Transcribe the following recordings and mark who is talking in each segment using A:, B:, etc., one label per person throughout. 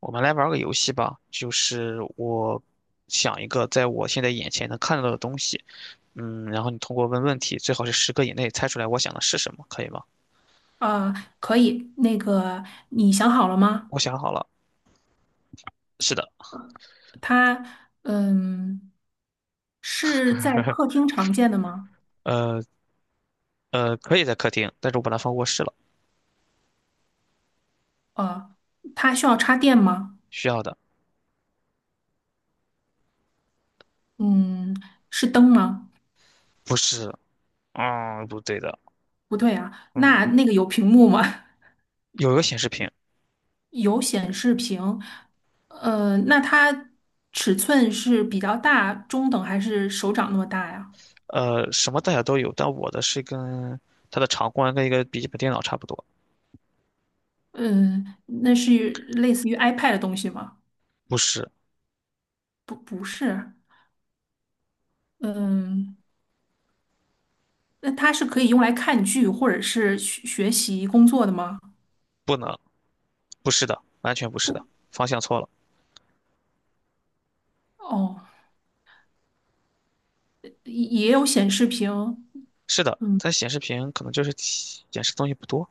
A: 我们来玩个游戏吧，就是我想一个在我现在眼前能看到的东西，嗯，然后你通过问问题，最好是十个以内猜出来我想的是什么，可以吗？
B: 啊，可以。你想好了吗？
A: 我想好了，是的，
B: 它，嗯，是在客厅常见的吗？
A: 呃，可以在客厅，但是我把它放卧室了，
B: 啊，它需要插电吗？
A: 需要的，
B: 嗯，是灯吗？
A: 不是，嗯，不对的。
B: 不对啊，
A: 嗯，
B: 那个有屏幕吗？
A: 有一个显示屏。
B: 有显示屏。那它尺寸是比较大、中等还是手掌那么大呀？
A: 呃，什么大小都有，但我的是跟它的长宽跟一个笔记本电脑差不多。
B: 嗯，那是类似于 iPad 的东西吗？
A: 不是。
B: 不是。嗯。那它是可以用来看剧或者是学习工作的吗？
A: 不能，不是的，完全不是的，
B: 不，
A: 方向错了。
B: 哦，也有显示屏，
A: 是的，
B: 嗯，
A: 它显示屏可能就是体显示东西不多。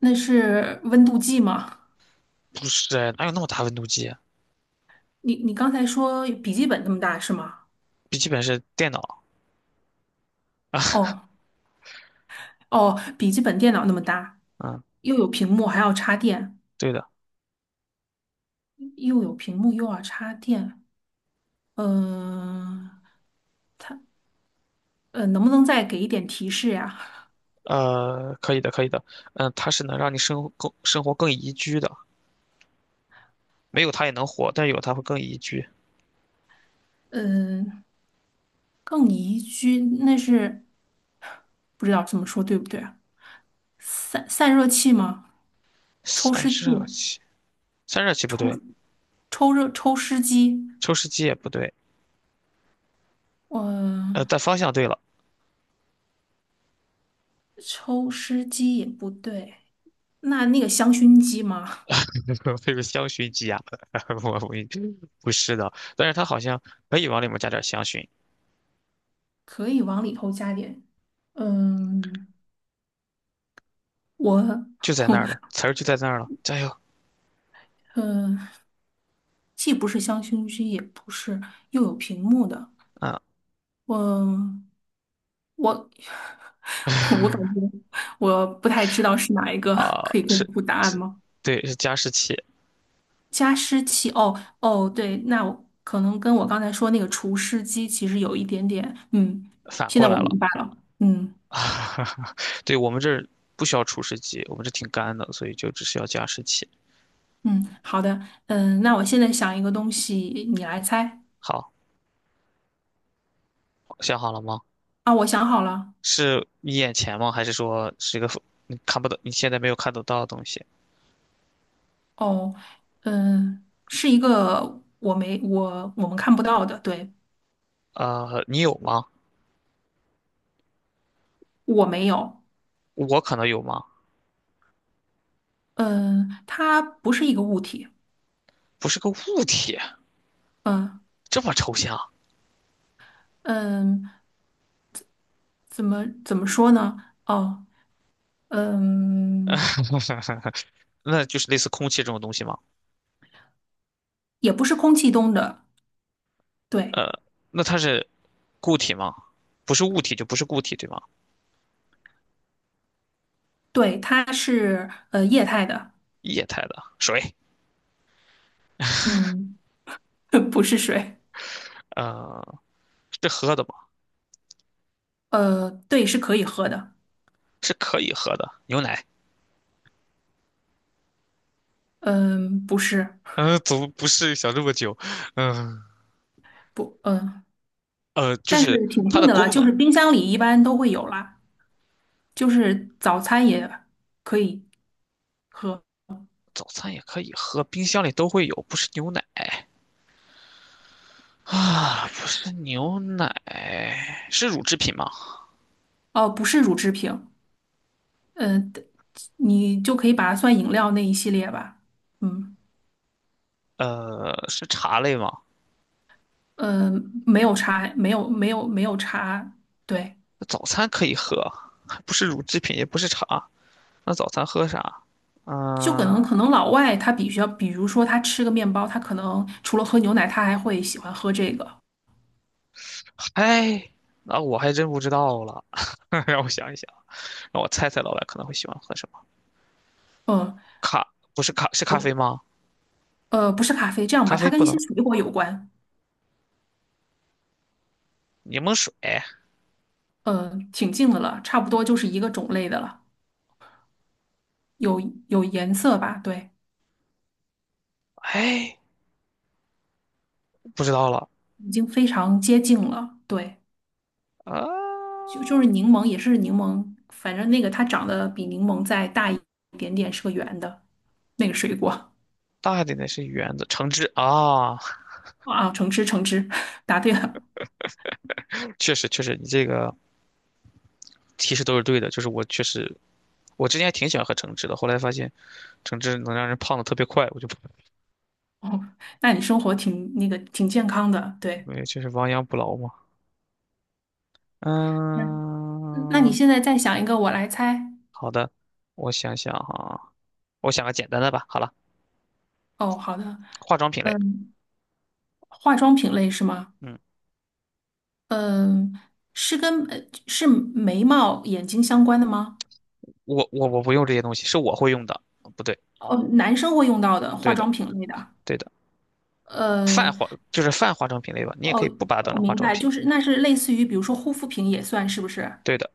B: 那是温度计吗？
A: 不是哎哪有那么大温度计啊？
B: 你刚才说笔记本那么大是吗？
A: 笔记本是电脑。
B: 哦哦，笔记本电脑那么大，
A: 嗯，
B: 又有屏幕还要插电，
A: 对的。
B: 又有屏幕又要插电，嗯能不能再给一点提示呀？
A: 呃，可以的，可以的，嗯，它是能让你生活更宜居的，没有它也能活，但有它会更宜居。
B: 嗯，更宜居，那是不知道这么说对不对啊？散热器吗？抽
A: 散
B: 湿器、
A: 热器，散热器不对。
B: 抽湿机，
A: 抽湿机也不对。呃，
B: 嗯，
A: 但方向对了。
B: 抽湿机也不对。那个香薰机吗？
A: 这个香薰机啊，我不是的，但是它好像可以往里面加点香薰，
B: 可以往里头加点。嗯，我，
A: 就在那儿了，词儿就在那儿了，加油。
B: 嗯，既不是香薰机，也不是又有屏幕的。
A: 嗯
B: 我我 我感觉我不太知道是哪一个，
A: 啊，
B: 可以公
A: 是
B: 布答案吗？
A: 对，是加湿器，
B: 加湿器，哦，对，那我可能跟我刚才说那个除湿机其实有一点点，嗯，
A: 反
B: 现
A: 过
B: 在我
A: 来了。
B: 明白了，嗯
A: 对，我们这儿不需要除湿机，我们这挺干的，所以就只需要加湿器。
B: 嗯，好的，嗯，那我现在想一个东西，你来猜。
A: 好，想好了吗？
B: 啊，我想好了。
A: 是你眼前吗？还是说是一个你看不到，你现在没有看得到的东西？
B: 哦，嗯，是一个我没我我们看不到的，对。
A: 呃，你有吗？
B: 我没有，
A: 我可能有吗？
B: 嗯，它不是一个物体，
A: 不是个物体。
B: 嗯
A: 这么抽象。
B: 嗯，怎么说呢？哦，嗯，
A: 那就是类似空气这种东西吗？
B: 也不是空气中的，对。
A: 呃，那它是固体吗？不是物体就不是固体，对吗？
B: 对，它是液态的，
A: 液态的水，
B: 嗯，不是水。
A: 呃，是喝的吗？
B: 呃，对，是可以喝的。
A: 是可以喝的牛奶。
B: 嗯、不是，
A: 嗯，怎么不是想这么久？嗯，
B: 不，嗯、
A: 呃，就
B: 但
A: 是
B: 是挺
A: 它
B: 近
A: 的
B: 的了，
A: 功
B: 就
A: 能。
B: 是冰箱里一般都会有啦，就是早餐也可以喝。
A: 早餐也可以喝，冰箱里都会有，不是牛奶啊，不是牛奶，是乳制品吗？
B: 哦、不是乳制品，嗯、呃，你就可以把它算饮料那一系列吧，嗯，
A: 呃，是茶类吗？
B: 呃，没有茶，没有茶，对。
A: 那早餐可以喝，还不是乳制品，也不是茶，那早餐喝啥？
B: 就可
A: 嗯，
B: 能老外他比较，比如说他吃个面包，他可能除了喝牛奶，他还会喜欢喝这个。
A: 哎，那我还真不知道了。让我想一想，让我猜猜老板可能会喜欢喝什么？
B: 嗯，
A: 咖，不是咖，是咖
B: 我
A: 啡吗？
B: 不是咖啡，这样
A: 咖
B: 吧，它
A: 啡
B: 跟
A: 不
B: 一些
A: 能，
B: 水果有关。
A: 柠檬水。
B: 嗯，挺近的了，差不多就是一个种类的了，有有颜色吧？对，
A: 哎，不知道了
B: 已经非常接近了。对，
A: 啊。
B: 就是柠檬，也是柠檬，反正那个它长得比柠檬再大一点点，是个圆的那个水果。
A: 大一点的是圆的，橙汁啊。
B: 啊，橙汁橙汁，答对了。
A: 确实确实，你这个提示都是对的。就是我确实，我之前还挺喜欢喝橙汁的，后来发现橙汁能让人胖的特别快，我就不，
B: 哦，那你生活挺那个挺健康的，对。
A: 没，就是亡羊补牢嘛。
B: 嗯。嗯那你
A: 嗯，
B: 现在再想一个，我来猜。
A: 好的，我想想哈，我想个简单的吧。好了，
B: 哦，好的，
A: 化妆品类。
B: 嗯，化妆品类是吗？
A: 嗯，
B: 嗯，是跟是眉毛、眼睛相关的吗？
A: 我不用这些东西，是我会用的。不对，
B: 哦，男生会用到的化
A: 对的，
B: 妆品类的。
A: 对的，泛
B: 呃，
A: 化就是泛化妆品类吧，你也可以
B: 哦，
A: 不把它当
B: 我
A: 成化
B: 明
A: 妆
B: 白，
A: 品。
B: 就是那是类似于，比如说护肤品也算是不是？
A: 对的，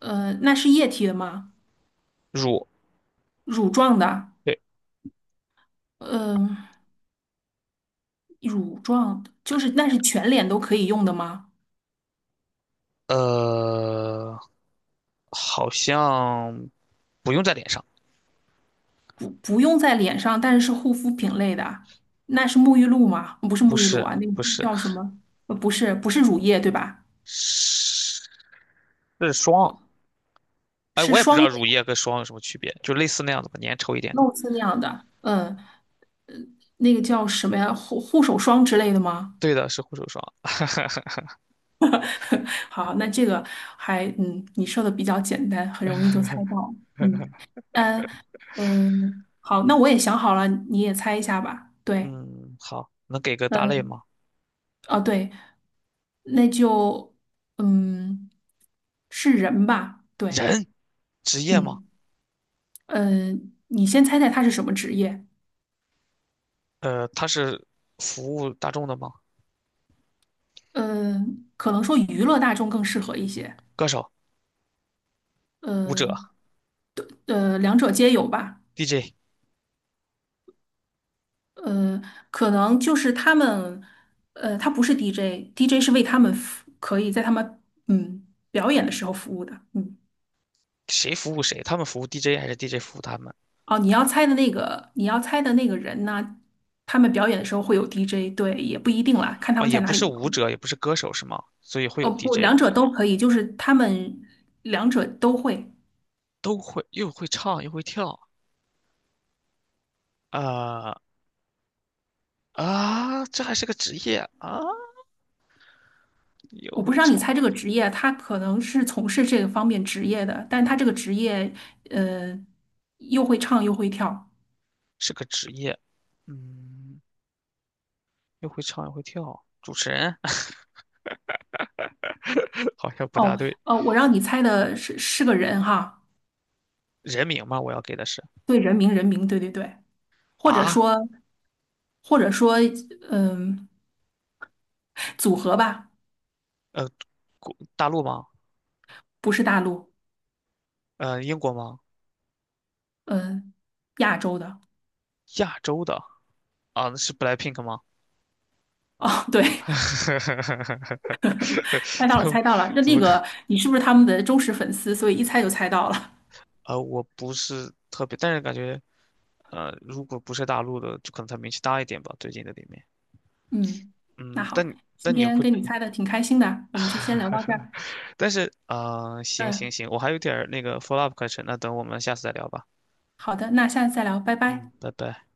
B: 呃，那是液体的吗？
A: 乳，
B: 乳状的？
A: 对，
B: 嗯、乳状就是那是全脸都可以用的吗？
A: 呃，好像不用在脸上。
B: 不用在脸上，但是是护肤品类的啊，那是沐浴露吗？不是
A: 不
B: 沐浴露
A: 是
B: 啊，那个
A: 不是
B: 叫什么？呃，不是，不是乳液对吧？
A: 是是霜。哎，
B: 是
A: 我也不知
B: 霜
A: 道
B: 类，
A: 乳液跟霜有什么区别，就类似那样的吧，粘稠一点的。
B: 露丝那样的，嗯，那个叫什么呀？护手霜之类的吗？
A: 对的，是护手霜。
B: 好，那这个还嗯，你说的比较简单，很容易就猜到，嗯，嗯嗯，好，那我也想好了，你也猜一下吧，对。
A: 嗯，好，能给个大类
B: 嗯，
A: 吗？
B: 哦对，那就嗯是人吧，对。
A: 人，职业吗？
B: 嗯。嗯、呃你先猜猜他是什么职业？
A: 呃，他是服务大众的吗？
B: 嗯、可能说娱乐大众更适合一些。
A: 歌手、舞者、
B: 嗯呃，呃两者皆有吧。
A: DJ,
B: 呃，可能就是他们，呃，他不是 DJ，DJ 是为他们服，可以在他们嗯表演的时候服务的。嗯，
A: 谁服务谁？他们服务 DJ 还是 DJ 服务他们？
B: 哦，你要猜的那个，你要猜的那个人呢，他们表演的时候会有 DJ,对，也不一定啦，看他
A: 啊，
B: 们
A: 也
B: 在
A: 不
B: 哪里
A: 是
B: 表
A: 舞者，
B: 演。
A: 也不是歌手，是吗？所以会有
B: 哦，不，
A: DJ,
B: 两者都可以，就是他们两者都会。
A: 都会，又会唱又会跳。呃。啊，这还是个职业啊！又
B: 我不
A: 会
B: 是让你
A: 唱，
B: 猜这个职业，他可能是从事这个方面职业的，但他这个职业，呃，又会唱又会跳。
A: 是个职业，嗯，又会唱又会跳，主持人 好像不大
B: 哦，
A: 对。
B: 呃，我让你猜的是是个人哈，
A: 人名吗？我要给的是
B: 对，人名人名，对，或者
A: 啊，
B: 说或者说，嗯、组合吧。
A: 呃，国大陆吗？
B: 不是大陆，
A: 呃，英国吗？
B: 嗯、亚洲的。
A: 亚洲的啊，是 BLACKPINK 吗？
B: 哦，对，猜到
A: 怎
B: 了，
A: 么
B: 猜到了。那
A: 怎
B: 那
A: 么看？
B: 个，你是不是他们的忠实粉丝？所以一猜就猜到了。
A: 呃，我不是特别，但是感觉呃，如果不是大陆的，就可能他名气大一点吧，最近的里面。
B: 嗯，那
A: 嗯，
B: 好，
A: 但
B: 今
A: 但你
B: 天
A: 会
B: 跟你猜的挺开心的，我们就先聊到这儿。
A: 但是嗯，行行
B: 嗯。
A: 行，我还有点儿那个 follow up 课程，那等我们下次再聊吧。
B: 好的，那下次再聊，拜
A: 嗯，
B: 拜。
A: 拜拜。